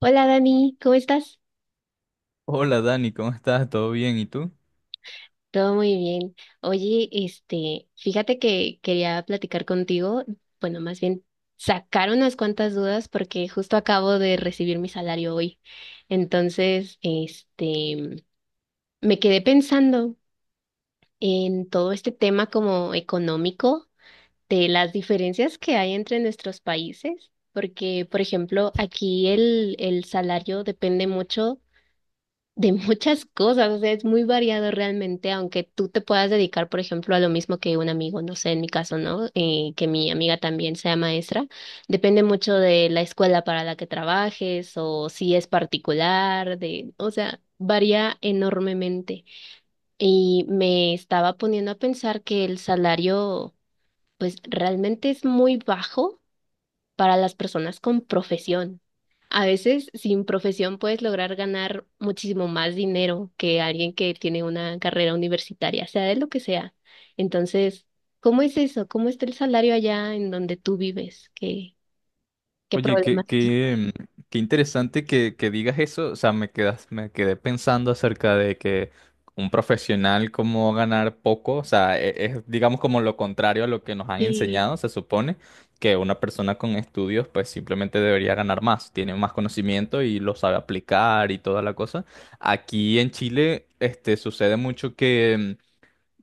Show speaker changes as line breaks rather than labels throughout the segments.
Hola Dani, ¿cómo estás?
Hola Dani, ¿cómo estás? ¿Todo bien? ¿Y tú?
Todo muy bien. Oye, fíjate que quería platicar contigo, bueno, más bien sacar unas cuantas dudas porque justo acabo de recibir mi salario hoy. Entonces, me quedé pensando en todo este tema como económico de las diferencias que hay entre nuestros países, porque, por ejemplo, aquí el salario depende mucho de muchas cosas, o sea, es muy variado realmente, aunque tú te puedas dedicar, por ejemplo, a lo mismo que un amigo, no sé, en mi caso, ¿no? Que mi amiga también sea maestra, depende mucho de la escuela para la que trabajes o si es particular, o sea, varía enormemente. Y me estaba poniendo a pensar que el salario, pues, realmente es muy bajo para las personas con profesión. A veces sin profesión puedes lograr ganar muchísimo más dinero que alguien que tiene una carrera universitaria, sea de lo que sea. Entonces, ¿cómo es eso? ¿Cómo está el salario allá en donde tú vives? ¿Qué
Oye,
problemas tienes?
qué interesante que digas eso. O sea, me quedé pensando acerca de que un profesional como ganar poco, o sea, es, digamos, como lo contrario a lo que nos han
Sí.
enseñado. Se supone que una persona con estudios pues simplemente debería ganar más, tiene más conocimiento y lo sabe aplicar y toda la cosa. Aquí en Chile, este, sucede mucho que... mm,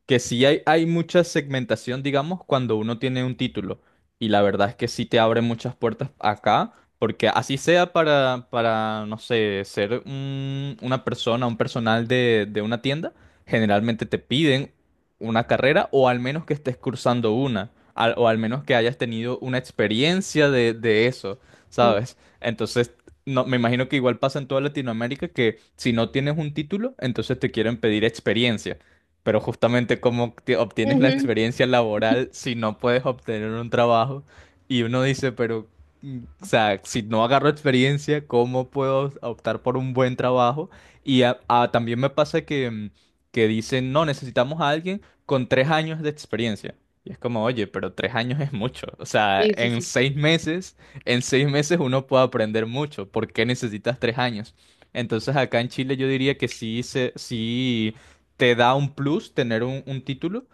que sí hay mucha segmentación, digamos, cuando uno tiene un título. Y la verdad es que sí te abre muchas puertas acá, porque así sea para no sé, ser una persona, un personal de una tienda, generalmente te piden una carrera o al menos que estés cursando una, o al menos que hayas tenido una experiencia de eso,
Ujú.
¿sabes? Entonces. No, me imagino que igual pasa en toda Latinoamérica, que si no tienes un título, entonces te quieren pedir experiencia. Pero justamente, cómo obtienes la experiencia laboral si no puedes obtener un trabajo. Y uno dice, pero, o sea, si no agarro experiencia, ¿cómo puedo optar por un buen trabajo? Y también me pasa que, que dicen, no, necesitamos a alguien con 3 años de experiencia. Y es como, oye, pero 3 años es mucho. O sea,
Sí, sí, sí.
en 6 meses uno puede aprender mucho. ¿Por qué necesitas 3 años? Entonces, acá en Chile yo diría que sí te da un plus tener un título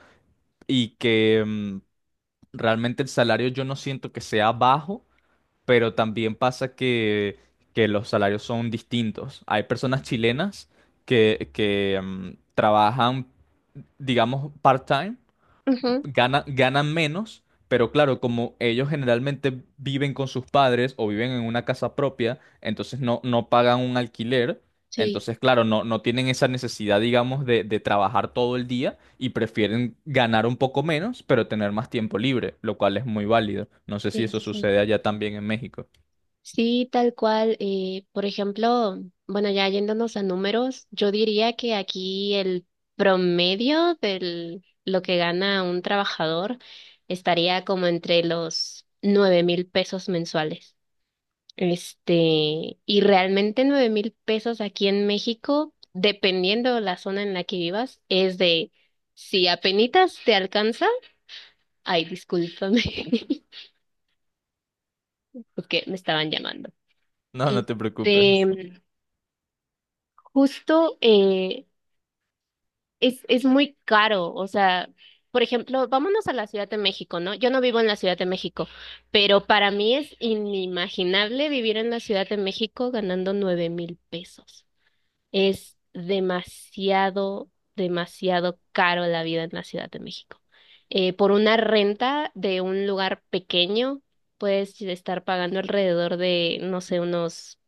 y que realmente el salario yo no siento que sea bajo, pero también pasa que, los salarios son distintos. Hay personas chilenas trabajan, digamos, part-time,
Ujú.
ganan menos, pero claro, como ellos generalmente viven con sus padres o viven en una casa propia, entonces no, no pagan un alquiler.
Sí.
Entonces, claro, no, no tienen esa necesidad, digamos, de trabajar todo el día, y prefieren ganar un poco menos, pero tener más tiempo libre, lo cual es muy válido. No sé si
Sí,
eso
sí, sí.
sucede allá también en México.
Sí, tal cual. Eh, por ejemplo, bueno, ya yéndonos a números, yo diría que aquí el promedio de lo que gana un trabajador estaría como entre los 9,000 pesos mensuales. Y realmente 9,000 pesos aquí en México, dependiendo la zona en la que vivas, es de si apenitas te alcanza, ay, discúlpame, porque me estaban llamando.
No, no te preocupes.
Este, Justo es muy caro, o sea, por ejemplo, vámonos a la Ciudad de México, ¿no? Yo no vivo en la Ciudad de México, pero para mí es inimaginable vivir en la Ciudad de México ganando 9,000 pesos. Es demasiado, demasiado caro la vida en la Ciudad de México. Por una renta de un lugar pequeño, puedes estar pagando alrededor de, no sé, unos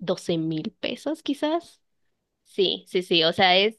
12,000 pesos quizás. Sí, sí, sí, o sea,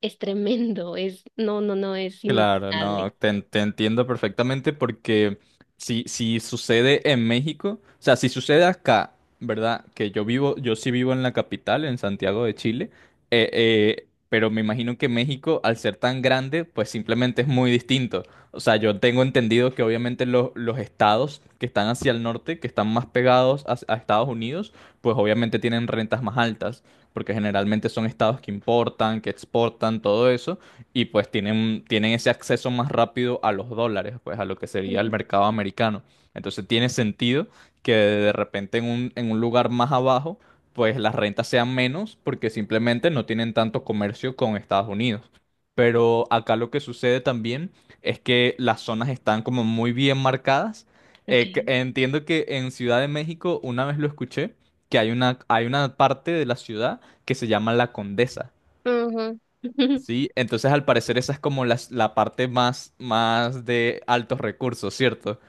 es tremendo, es, no, no, no, es
Claro,
inimaginable.
no, te entiendo perfectamente, porque si sucede en México, o sea, si sucede acá, ¿verdad? Que yo sí vivo en la capital, en Santiago de Chile. Pero me imagino que México, al ser tan grande, pues simplemente es muy distinto. O sea, yo tengo entendido que obviamente los estados que están hacia el norte, que están más pegados a Estados Unidos, pues obviamente tienen rentas más altas, porque generalmente son estados que importan, que exportan, todo eso, y pues tienen ese acceso más rápido a los dólares, pues a lo que sería el
Ujú.
mercado americano. Entonces tiene sentido que de repente en un, lugar más abajo, pues las rentas sean menos, porque simplemente no tienen tanto comercio con Estados Unidos. Pero acá lo que sucede también es que las zonas están como muy bien marcadas.
Ok.
Entiendo que en Ciudad de México, una vez lo escuché, que hay una, parte de la ciudad que se llama La Condesa.
Ujú.
Sí, entonces al parecer esa es como la parte más de altos recursos, ¿cierto?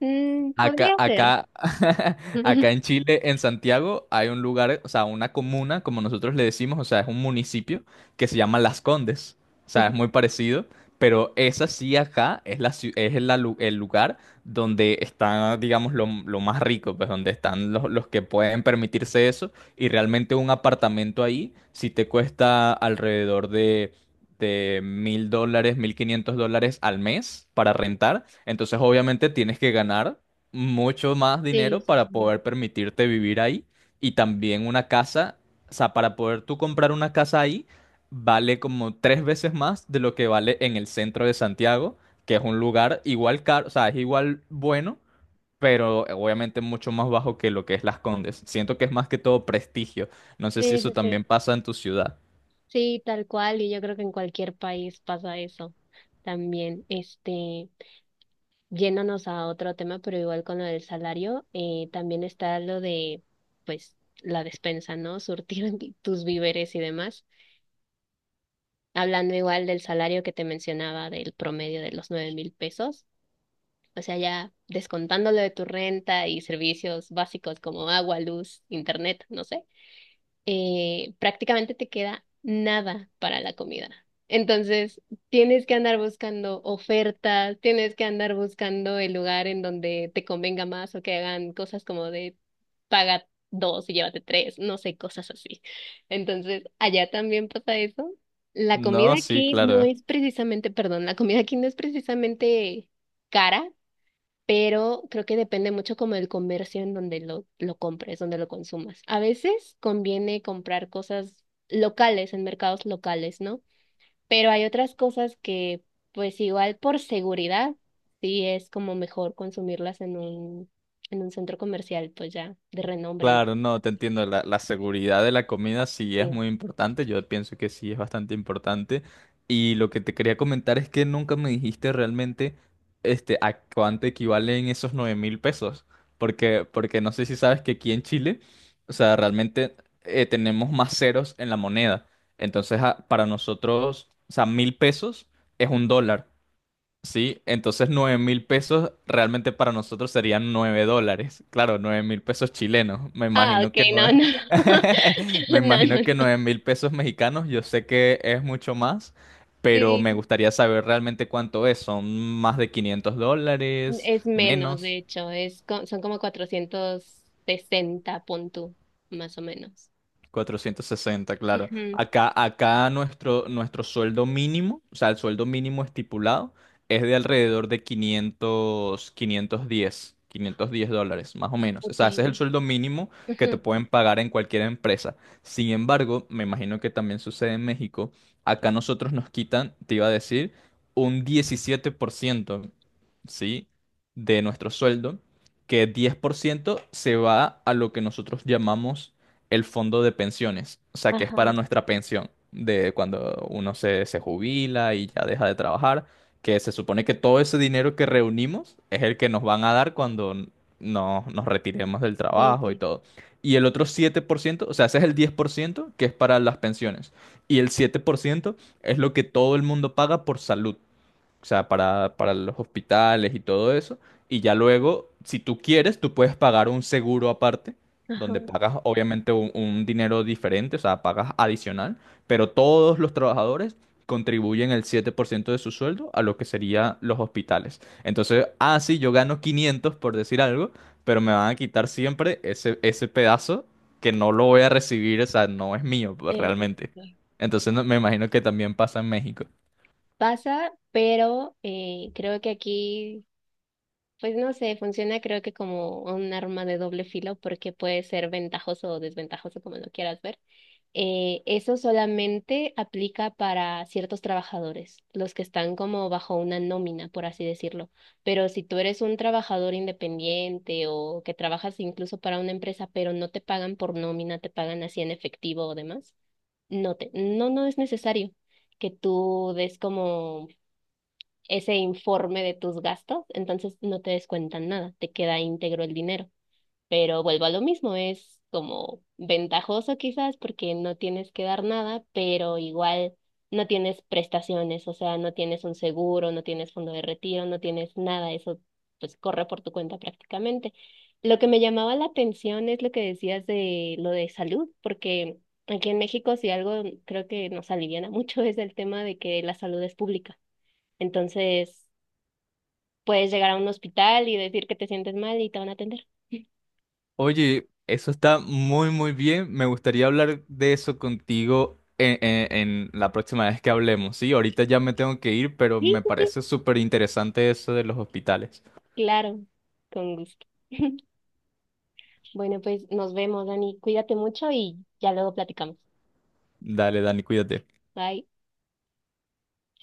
Mm,
Acá,
podría ser.
acá, acá
Ujú.
en Chile, en Santiago, hay un lugar, o sea, una comuna, como nosotros le decimos, o sea, es un municipio que se llama Las Condes. O sea, es muy parecido, pero esa sí, acá es la, ciu- es la lu- el lugar donde está, digamos, lo más rico, pues donde están los que pueden permitirse eso. Y realmente un apartamento ahí sí te cuesta alrededor de $1,000, $1,500 al mes para rentar. Entonces, obviamente, tienes que ganar mucho más
Sí,
dinero
sí,
para
sí.
poder permitirte vivir ahí, y también una casa, o sea, para poder tú comprar una casa ahí, vale como tres veces más de lo que vale en el centro de Santiago, que es un lugar igual caro, o sea, es igual bueno, pero obviamente mucho más bajo que lo que es Las Condes. Siento que es más que todo prestigio. No sé si
Sí, sí,
eso también
sí.
pasa en tu ciudad.
Sí, tal cual, y yo creo que en cualquier país pasa eso también. Yéndonos a otro tema, pero igual con lo del salario, también está lo de, pues, la despensa, ¿no? Surtir tus víveres y demás. Hablando igual del salario que te mencionaba del promedio de los 9,000 pesos. O sea, ya descontándolo de tu renta y servicios básicos como agua, luz, internet, no sé, prácticamente te queda nada para la comida. Entonces, tienes que andar buscando ofertas, tienes que andar buscando el lugar en donde te convenga más o que hagan cosas como de paga dos y llévate tres, no sé, cosas así. Entonces, allá también pasa eso.
No, sí, claro.
La comida aquí no es precisamente cara, pero creo que depende mucho como del comercio en donde lo compres, donde lo consumas. A veces conviene comprar cosas locales, en mercados locales, ¿no? Pero hay otras cosas que, pues igual por seguridad, sí es como mejor consumirlas en un centro comercial, pues ya, de renombre.
Claro, no, te entiendo. La seguridad de la comida sí es
Sí.
muy importante. Yo pienso que sí es bastante importante. Y lo que te quería comentar es que nunca me dijiste realmente, este, a cuánto equivalen esos 9,000 pesos. Porque no sé si sabes que aquí en Chile, o sea, realmente tenemos más ceros en la moneda. Entonces, para nosotros, o sea, 1,000 pesos es un dólar. Sí, entonces 9,000 pesos realmente para nosotros serían $9. Claro, 9,000 pesos chilenos. Me
Ah,
imagino
ok,
que no
no,
es.
no,
Me
no, no,
imagino que
no.
9,000 pesos mexicanos, yo sé que es mucho más, pero me
Sí,
gustaría saber realmente cuánto es. ¿Son más de $500?
es menos, de
¿Menos?
hecho, son como 460, pon tú, más o menos.
460, claro.
Ujú.
Acá, nuestro sueldo mínimo, o sea, el sueldo mínimo estipulado es de alrededor de 500, $510, más o menos. O
Ok.
sea, ese es el sueldo mínimo que te
Ujú.
pueden pagar en cualquier empresa. Sin embargo, me imagino que también sucede en México. Acá nosotros nos quitan, te iba a decir, un 17%, ¿sí? De nuestro sueldo, que 10% se va a lo que nosotros llamamos el fondo de pensiones, o sea, que es para
Ajá.
nuestra pensión, de cuando uno se jubila y ya deja de trabajar, que se supone que todo ese dinero que reunimos es el que nos van a dar cuando nos retiremos del
Sí,
trabajo y
sí.
todo. Y el otro 7%, o sea, ese es el 10% que es para las pensiones. Y el 7% es lo que todo el mundo paga por salud, o sea, para los hospitales y todo eso. Y ya luego, si tú quieres, tú puedes pagar un seguro aparte,
Ajá.
donde pagas obviamente un dinero diferente, o sea, pagas adicional, pero todos los trabajadores contribuyen el 7% de su sueldo a lo que serían los hospitales. Entonces, ah, sí, yo gano 500 por decir algo, pero me van a quitar siempre ese pedazo que no lo voy a recibir, o sea, no es mío, pues,
Sí, sí, sí,
realmente.
sí.
Entonces, me imagino que también pasa en México.
Pasa, pero creo que aquí, pues no sé, funciona creo que como un arma de doble filo porque puede ser ventajoso o desventajoso como lo quieras ver. Eso solamente aplica para ciertos trabajadores, los que están como bajo una nómina, por así decirlo. Pero si tú eres un trabajador independiente o que trabajas incluso para una empresa, pero no te pagan por nómina, te pagan así en efectivo o demás, no, no es necesario que tú des como ese informe de tus gastos, entonces no te descuentan nada, te queda íntegro el dinero. Pero vuelvo a lo mismo, es como ventajoso quizás porque no tienes que dar nada, pero igual no tienes prestaciones, o sea, no tienes un seguro, no tienes fondo de retiro, no tienes nada, eso pues corre por tu cuenta prácticamente. Lo que me llamaba la atención es lo que decías de lo de salud, porque aquí en México si algo creo que nos aliviana mucho es el tema de que la salud es pública. Entonces, puedes llegar a un hospital y decir que te sientes mal y te van a atender.
Oye, eso está muy, muy bien. Me gustaría hablar de eso contigo en, la próxima vez que hablemos. Sí, ahorita ya me tengo que ir, pero
Sí,
me
sí, sí.
parece súper interesante eso de los hospitales.
Claro, con gusto. Bueno, pues nos vemos, Dani. Cuídate mucho y ya luego platicamos.
Dale, Dani, cuídate.
Bye.